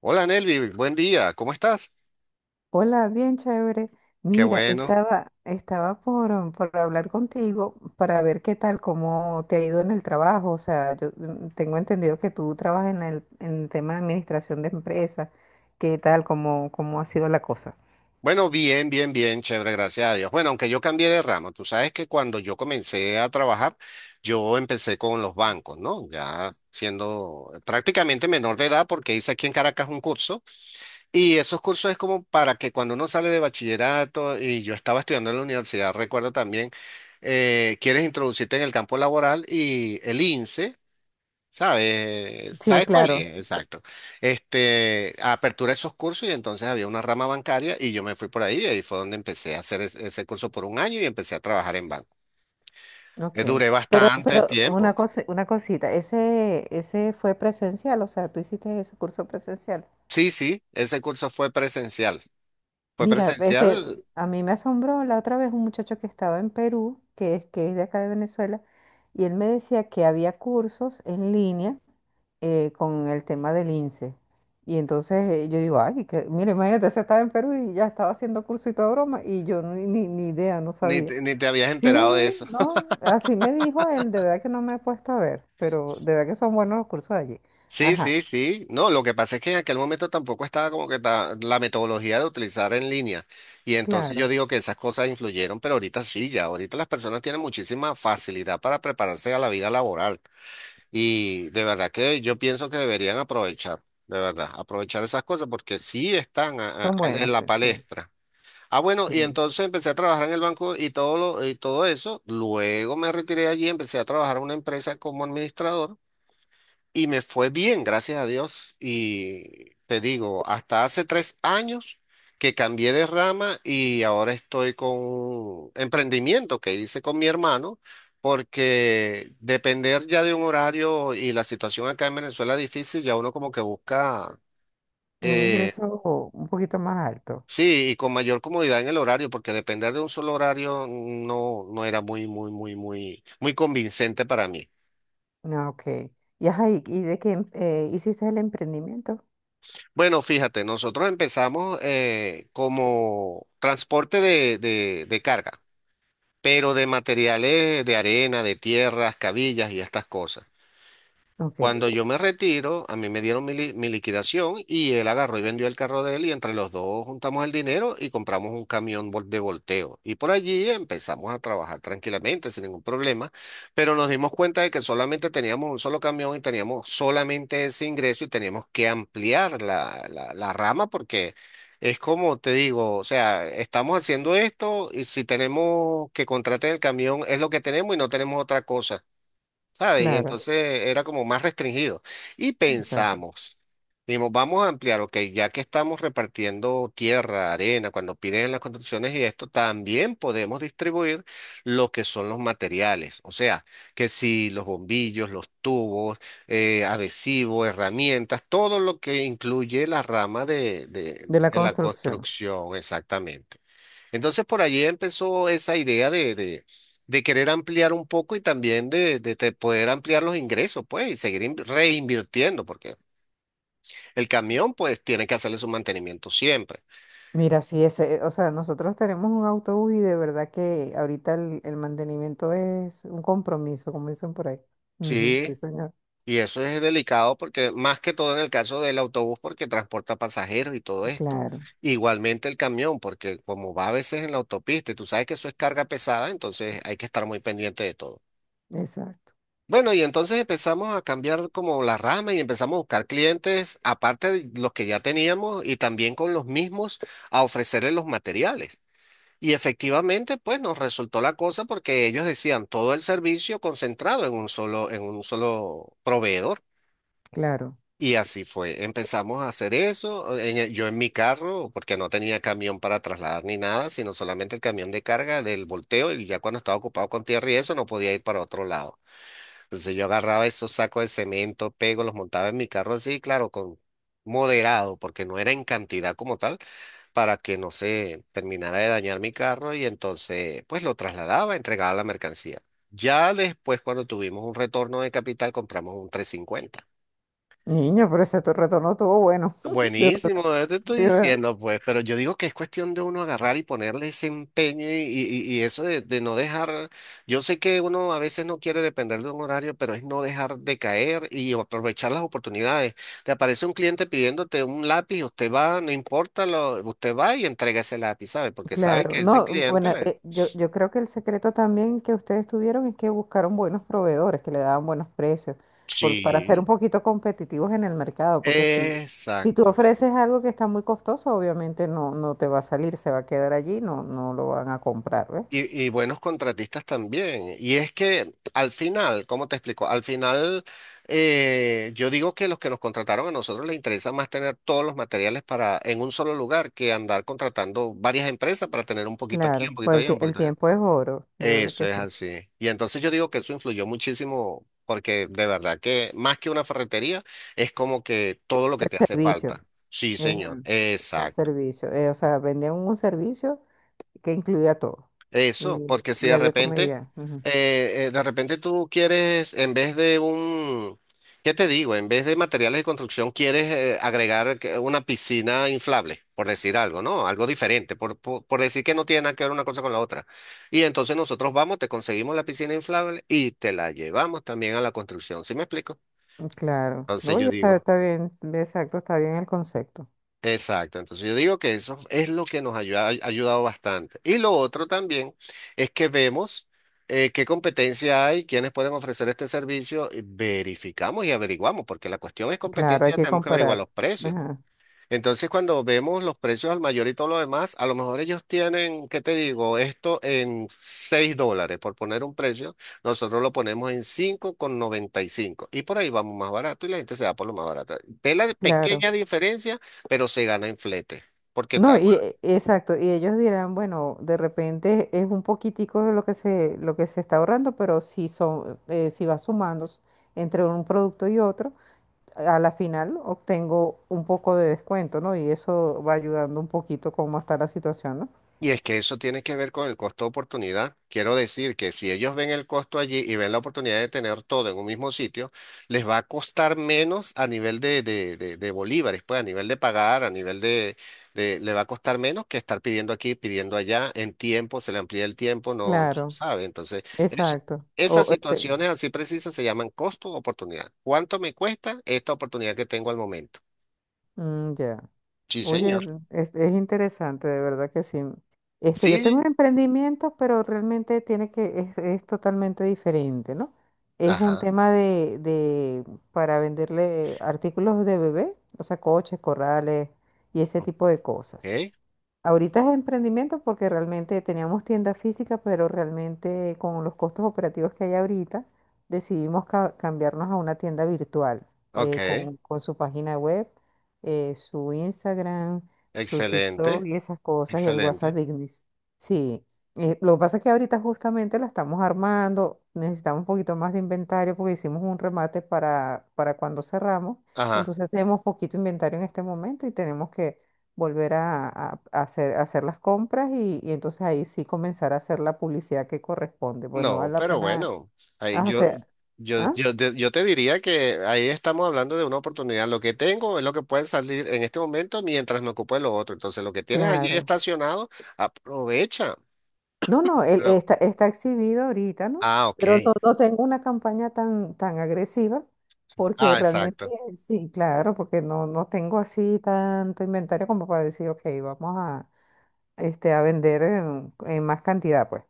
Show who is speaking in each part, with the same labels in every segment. Speaker 1: Hola Nelvi, buen día, ¿cómo estás?
Speaker 2: Hola, bien chévere.
Speaker 1: Qué
Speaker 2: Mira,
Speaker 1: bueno.
Speaker 2: estaba por, por hablar contigo para ver qué tal, cómo te ha ido en el trabajo. O sea, yo tengo entendido que tú trabajas en el tema de administración de empresas. ¿Qué tal, cómo ha sido la cosa?
Speaker 1: Bueno, bien, bien, bien, chévere, gracias a Dios. Bueno, aunque yo cambié de ramo, tú sabes que cuando yo comencé a trabajar, yo empecé con los bancos, ¿no? Ya siendo prácticamente menor de edad, porque hice aquí en Caracas un curso, y esos cursos es como para que cuando uno sale de bachillerato, y yo estaba estudiando en la universidad, recuerdo también, quieres introducirte en el campo laboral y el INSEE. ¿Sabes?
Speaker 2: Sí,
Speaker 1: ¿Sabes cuál
Speaker 2: claro.
Speaker 1: es? Exacto. Este, apertura esos cursos y entonces había una rama bancaria y yo me fui por ahí y ahí fue donde empecé a hacer ese curso por un año y empecé a trabajar en banco.
Speaker 2: Ok.
Speaker 1: Duré
Speaker 2: Pero,
Speaker 1: bastante
Speaker 2: pero una
Speaker 1: tiempo.
Speaker 2: cosa, una cosita, ese fue presencial, o sea, tú hiciste ese curso presencial.
Speaker 1: Sí, sí, ese curso fue presencial. Fue
Speaker 2: Mira, este,
Speaker 1: presencial,
Speaker 2: a mí me asombró la otra vez un muchacho que estaba en Perú, que es de acá de Venezuela, y él me decía que había cursos en línea, con el tema del INSEE. Y entonces, yo digo, ay, que, mira, imagínate, se estaba en Perú y ya estaba haciendo curso y toda broma, y yo ni, ni idea, no
Speaker 1: ni
Speaker 2: sabía.
Speaker 1: te, ni te habías enterado de
Speaker 2: Sí,
Speaker 1: eso.
Speaker 2: no, así me dijo él, de verdad que no me he puesto a ver, pero de verdad que son buenos los cursos allí.
Speaker 1: Sí,
Speaker 2: Ajá,
Speaker 1: sí, sí. No, lo que pasa es que en aquel momento tampoco estaba como que la metodología de utilizar en línea. Y entonces yo
Speaker 2: claro,
Speaker 1: digo que esas cosas influyeron, pero ahorita sí, ya. Ahorita las personas tienen muchísima facilidad para prepararse a la vida laboral. Y de verdad que yo pienso que deberían aprovechar, de verdad, aprovechar esas cosas porque sí están
Speaker 2: son
Speaker 1: en
Speaker 2: buenas,
Speaker 1: la
Speaker 2: sí, sí.
Speaker 1: palestra. Ah, bueno,
Speaker 2: Sí.
Speaker 1: y entonces empecé a trabajar en el banco y todo eso. Luego me retiré de allí, empecé a trabajar en una empresa como administrador y me fue bien, gracias a Dios. Y te digo, hasta hace 3 años que cambié de rama y ahora estoy con un emprendimiento que hice con mi hermano, porque depender ya de un horario y la situación acá en Venezuela es difícil, ya uno como que busca,
Speaker 2: Un
Speaker 1: eh,
Speaker 2: ingreso un poquito más alto.
Speaker 1: sí, y con mayor comodidad en el horario, porque depender de un solo horario no era muy, muy, muy, muy, muy convincente para mí.
Speaker 2: Ah, ok. Y, ajá, y de qué hiciste el emprendimiento?
Speaker 1: Bueno, fíjate, nosotros empezamos como transporte de carga, pero de materiales de arena, de tierras, cabillas y estas cosas.
Speaker 2: Ok,
Speaker 1: Cuando yo me retiro, a mí me dieron mi liquidación y él agarró y vendió el carro de él y entre los dos juntamos el dinero y compramos un camión de volteo. Y por allí empezamos a trabajar tranquilamente, sin ningún problema, pero nos dimos cuenta de que solamente teníamos un solo camión y teníamos solamente ese ingreso y teníamos que ampliar la rama porque es como te digo, o sea, estamos haciendo esto y si tenemos que contratar el camión es lo que tenemos y no tenemos otra cosa. ¿Sabes? Y
Speaker 2: claro,
Speaker 1: entonces era como más restringido. Y
Speaker 2: exacto.
Speaker 1: pensamos, dijimos, vamos a ampliar, ok, ya que estamos repartiendo tierra, arena, cuando piden las construcciones y esto, también podemos distribuir lo que son los materiales. O sea, que si los bombillos, los tubos, adhesivos, herramientas, todo lo que incluye la rama
Speaker 2: De la
Speaker 1: de la
Speaker 2: construcción.
Speaker 1: construcción, exactamente. Entonces por allí empezó esa idea de querer ampliar un poco y también poder ampliar los ingresos, pues, y seguir reinvirtiendo, porque el camión, pues, tiene que hacerle su mantenimiento siempre.
Speaker 2: Mira, sí, ese, o sea, nosotros tenemos un autobús y de verdad que ahorita el mantenimiento es un compromiso, como dicen por ahí. Ujú,
Speaker 1: Sí,
Speaker 2: sí, señor.
Speaker 1: y eso es delicado porque más que todo en el caso del autobús, porque transporta pasajeros y todo esto.
Speaker 2: Claro,
Speaker 1: Igualmente el camión, porque como va a veces en la autopista y tú sabes que eso es carga pesada, entonces hay que estar muy pendiente de todo.
Speaker 2: exacto,
Speaker 1: Bueno, y entonces empezamos a cambiar como la rama y empezamos a buscar clientes, aparte de los que ya teníamos y también con los mismos, a ofrecerles los materiales. Y efectivamente, pues nos resultó la cosa porque ellos decían todo el servicio concentrado en un solo proveedor.
Speaker 2: claro.
Speaker 1: Y así fue. Empezamos a hacer eso. Yo en mi carro, porque no tenía camión para trasladar ni nada, sino solamente el camión de carga del volteo. Y ya cuando estaba ocupado con tierra y eso, no podía ir para otro lado. Entonces yo agarraba esos sacos de cemento, pego, los montaba en mi carro así, claro, con moderado, porque no era en cantidad como tal, para que no se terminara de dañar mi carro y entonces pues lo trasladaba, entregaba la mercancía. Ya después cuando tuvimos un retorno de capital compramos un 350.
Speaker 2: Niño, pero ese tu retorno estuvo bueno. De
Speaker 1: Buenísimo, yo te estoy
Speaker 2: verdad.
Speaker 1: diciendo, pues, pero yo digo que es cuestión de uno agarrar y ponerle ese empeño y eso de no dejar, yo sé que uno a veces no quiere depender de un horario, pero es no dejar de caer y aprovechar las oportunidades. Te aparece un cliente pidiéndote un lápiz, usted va, no importa, usted va y entrega ese lápiz, ¿sabe? Porque sabe
Speaker 2: Claro,
Speaker 1: que ese
Speaker 2: no,
Speaker 1: cliente
Speaker 2: bueno,
Speaker 1: le...
Speaker 2: yo creo que el secreto también que ustedes tuvieron es que buscaron buenos proveedores que le daban buenos precios para ser un
Speaker 1: Sí.
Speaker 2: poquito competitivos en el mercado, porque si, si tú
Speaker 1: Exacto.
Speaker 2: ofreces algo que está muy costoso, obviamente no, no te va a salir, se va a quedar allí, no, no lo van a comprar, ¿ves?
Speaker 1: Y buenos contratistas también. Y es que al final, ¿cómo te explico? Al final, yo digo que los que nos contrataron a nosotros les interesa más tener todos los materiales para en un solo lugar que andar contratando varias empresas para tener un poquito aquí, un
Speaker 2: Claro,
Speaker 1: poquito
Speaker 2: pues
Speaker 1: allá, un
Speaker 2: el
Speaker 1: poquito allá.
Speaker 2: tiempo es oro, de verdad
Speaker 1: Eso
Speaker 2: que
Speaker 1: es
Speaker 2: sí.
Speaker 1: así. Y entonces yo digo que eso influyó muchísimo porque de verdad que más que una ferretería es como que todo lo que
Speaker 2: El
Speaker 1: te hace
Speaker 2: servicio,
Speaker 1: falta. Sí, señor.
Speaker 2: ajá, el
Speaker 1: Exacto.
Speaker 2: servicio, o sea, vendían un servicio que incluía todo
Speaker 1: Eso, porque si
Speaker 2: y
Speaker 1: de
Speaker 2: había
Speaker 1: repente,
Speaker 2: comedia.
Speaker 1: de repente tú quieres, en vez de un, ¿qué te digo? En vez de materiales de construcción, quieres agregar una piscina inflable, por decir algo, ¿no? Algo diferente, por decir que no tiene nada que ver una cosa con la otra. Y entonces nosotros vamos, te conseguimos la piscina inflable y te la llevamos también a la construcción, ¿sí me explico?
Speaker 2: Claro, no,
Speaker 1: Entonces yo
Speaker 2: oye, está,
Speaker 1: digo.
Speaker 2: está bien, exacto, está bien el concepto.
Speaker 1: Exacto, entonces yo digo que eso es lo que nos ha ayudado bastante. Y lo otro también es que vemos qué competencia hay, quiénes pueden ofrecer este servicio, y verificamos y averiguamos, porque la cuestión es
Speaker 2: Claro, hay
Speaker 1: competencia,
Speaker 2: que
Speaker 1: tenemos que averiguar
Speaker 2: comparar.
Speaker 1: los precios.
Speaker 2: Ajá,
Speaker 1: Entonces, cuando vemos los precios al mayor y todo lo demás, a lo mejor ellos tienen, ¿qué te digo? Esto en $6, por poner un precio, nosotros lo ponemos en 5,95 y cinco. Y por ahí vamos más barato y la gente se va por lo más barato. Ve la
Speaker 2: claro.
Speaker 1: pequeña diferencia, pero se gana en flete, porque
Speaker 2: No, exacto, y ellos dirán, bueno, de repente es un poquitico de lo lo que se está ahorrando, pero si son, si va sumando entre un producto y otro, a la final obtengo un poco de descuento, ¿no? Y eso va ayudando un poquito cómo está la situación, ¿no?
Speaker 1: y es que eso tiene que ver con el costo de oportunidad. Quiero decir que si ellos ven el costo allí y ven la oportunidad de tener todo en un mismo sitio, les va a costar menos a nivel de bolívares, pues a nivel de pagar, a nivel le va a costar menos que estar pidiendo aquí, pidiendo allá, en tiempo, se le amplía el tiempo, no
Speaker 2: Claro,
Speaker 1: sabe. Entonces, es-
Speaker 2: exacto.
Speaker 1: esas
Speaker 2: O este,
Speaker 1: situaciones así precisas se llaman costo de oportunidad. ¿Cuánto me cuesta esta oportunidad que tengo al momento?
Speaker 2: mm, ya.
Speaker 1: Sí,
Speaker 2: Oye,
Speaker 1: señor.
Speaker 2: es interesante, de verdad que sí. Este, yo tengo un
Speaker 1: Sí.
Speaker 2: emprendimiento, pero realmente tiene que, es totalmente diferente, ¿no? Es un
Speaker 1: Ajá.
Speaker 2: tema para venderle artículos de bebé, o sea, coches, corrales y ese tipo de cosas.
Speaker 1: Ok.
Speaker 2: Ahorita es emprendimiento porque realmente teníamos tienda física, pero realmente con los costos operativos que hay ahorita, decidimos cambiarnos a una tienda virtual,
Speaker 1: Ok.
Speaker 2: con su página web, su Instagram, su TikTok
Speaker 1: Excelente,
Speaker 2: y esas cosas, y el WhatsApp
Speaker 1: excelente.
Speaker 2: Business. Sí, lo que pasa es que ahorita justamente la estamos armando, necesitamos un poquito más de inventario porque hicimos un remate para cuando cerramos,
Speaker 1: Ajá.
Speaker 2: entonces tenemos poquito inventario en este momento y tenemos que volver a hacer las compras, y entonces ahí sí comenzar a hacer la publicidad que corresponde. Bueno,
Speaker 1: No,
Speaker 2: vale la
Speaker 1: pero
Speaker 2: pena
Speaker 1: bueno, ahí
Speaker 2: hacer. ¿Ah?
Speaker 1: yo te diría que ahí estamos hablando de una oportunidad. Lo que tengo es lo que puede salir en este momento mientras me ocupo de lo otro. Entonces, lo que tienes allí
Speaker 2: Claro.
Speaker 1: estacionado, aprovecha.
Speaker 2: No, no, él
Speaker 1: Ah,
Speaker 2: está, está exhibido ahorita, ¿no?
Speaker 1: ah, ok.
Speaker 2: Pero no, no tengo una campaña tan, tan agresiva porque
Speaker 1: Ah,
Speaker 2: realmente
Speaker 1: exacto.
Speaker 2: sí, claro, porque no, no tengo así tanto inventario como para decir, ok, vamos a, este, a vender en más cantidad, pues.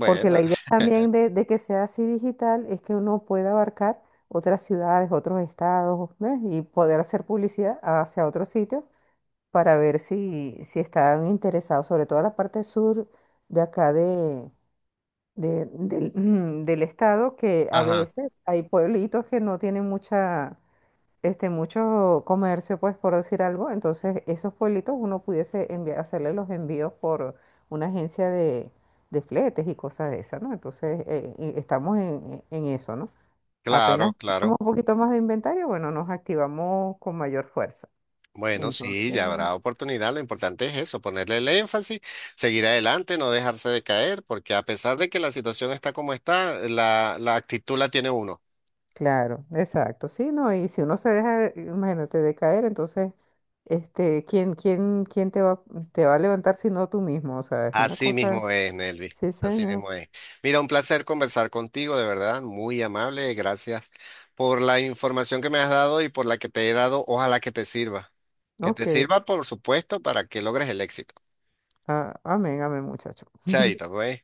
Speaker 2: Porque la idea también de que sea así digital es que uno pueda abarcar otras ciudades, otros estados, ¿ves? Y poder hacer publicidad hacia otros sitios para ver si, si están interesados, sobre todo la parte sur de acá del, del estado, que a
Speaker 1: ajá,
Speaker 2: veces hay pueblitos que no tienen mucha, este, mucho comercio, pues, por decir algo. Entonces, esos pueblitos uno pudiese enviar, hacerle los envíos por una agencia de fletes y cosas de esas, ¿no? Entonces, y estamos en eso, ¿no?
Speaker 1: claro,
Speaker 2: Apenas tenemos
Speaker 1: claro.
Speaker 2: un poquito más de inventario, bueno, nos activamos con mayor fuerza.
Speaker 1: Bueno,
Speaker 2: Entonces,
Speaker 1: sí, ya habrá oportunidad. Lo importante es eso, ponerle el énfasis, seguir adelante, no dejarse de caer, porque a pesar de que la situación está como está, la actitud la tiene uno.
Speaker 2: claro, exacto, sí, ¿no? Y si uno se deja, imagínate, de caer, entonces, este, ¿quién, quién, te va a levantar si no tú mismo? O sea, es una
Speaker 1: Así
Speaker 2: cosa,
Speaker 1: mismo es, Nelvi.
Speaker 2: sí,
Speaker 1: Así
Speaker 2: señor.
Speaker 1: mismo es. Mira, un placer conversar contigo, de verdad, muy amable. Gracias por la información que me has dado y por la que te he dado. Ojalá que te sirva. Que te
Speaker 2: Ok.
Speaker 1: sirva, por supuesto, para que logres el éxito.
Speaker 2: Ah, amén, amén, muchacho.
Speaker 1: Chaito, pues.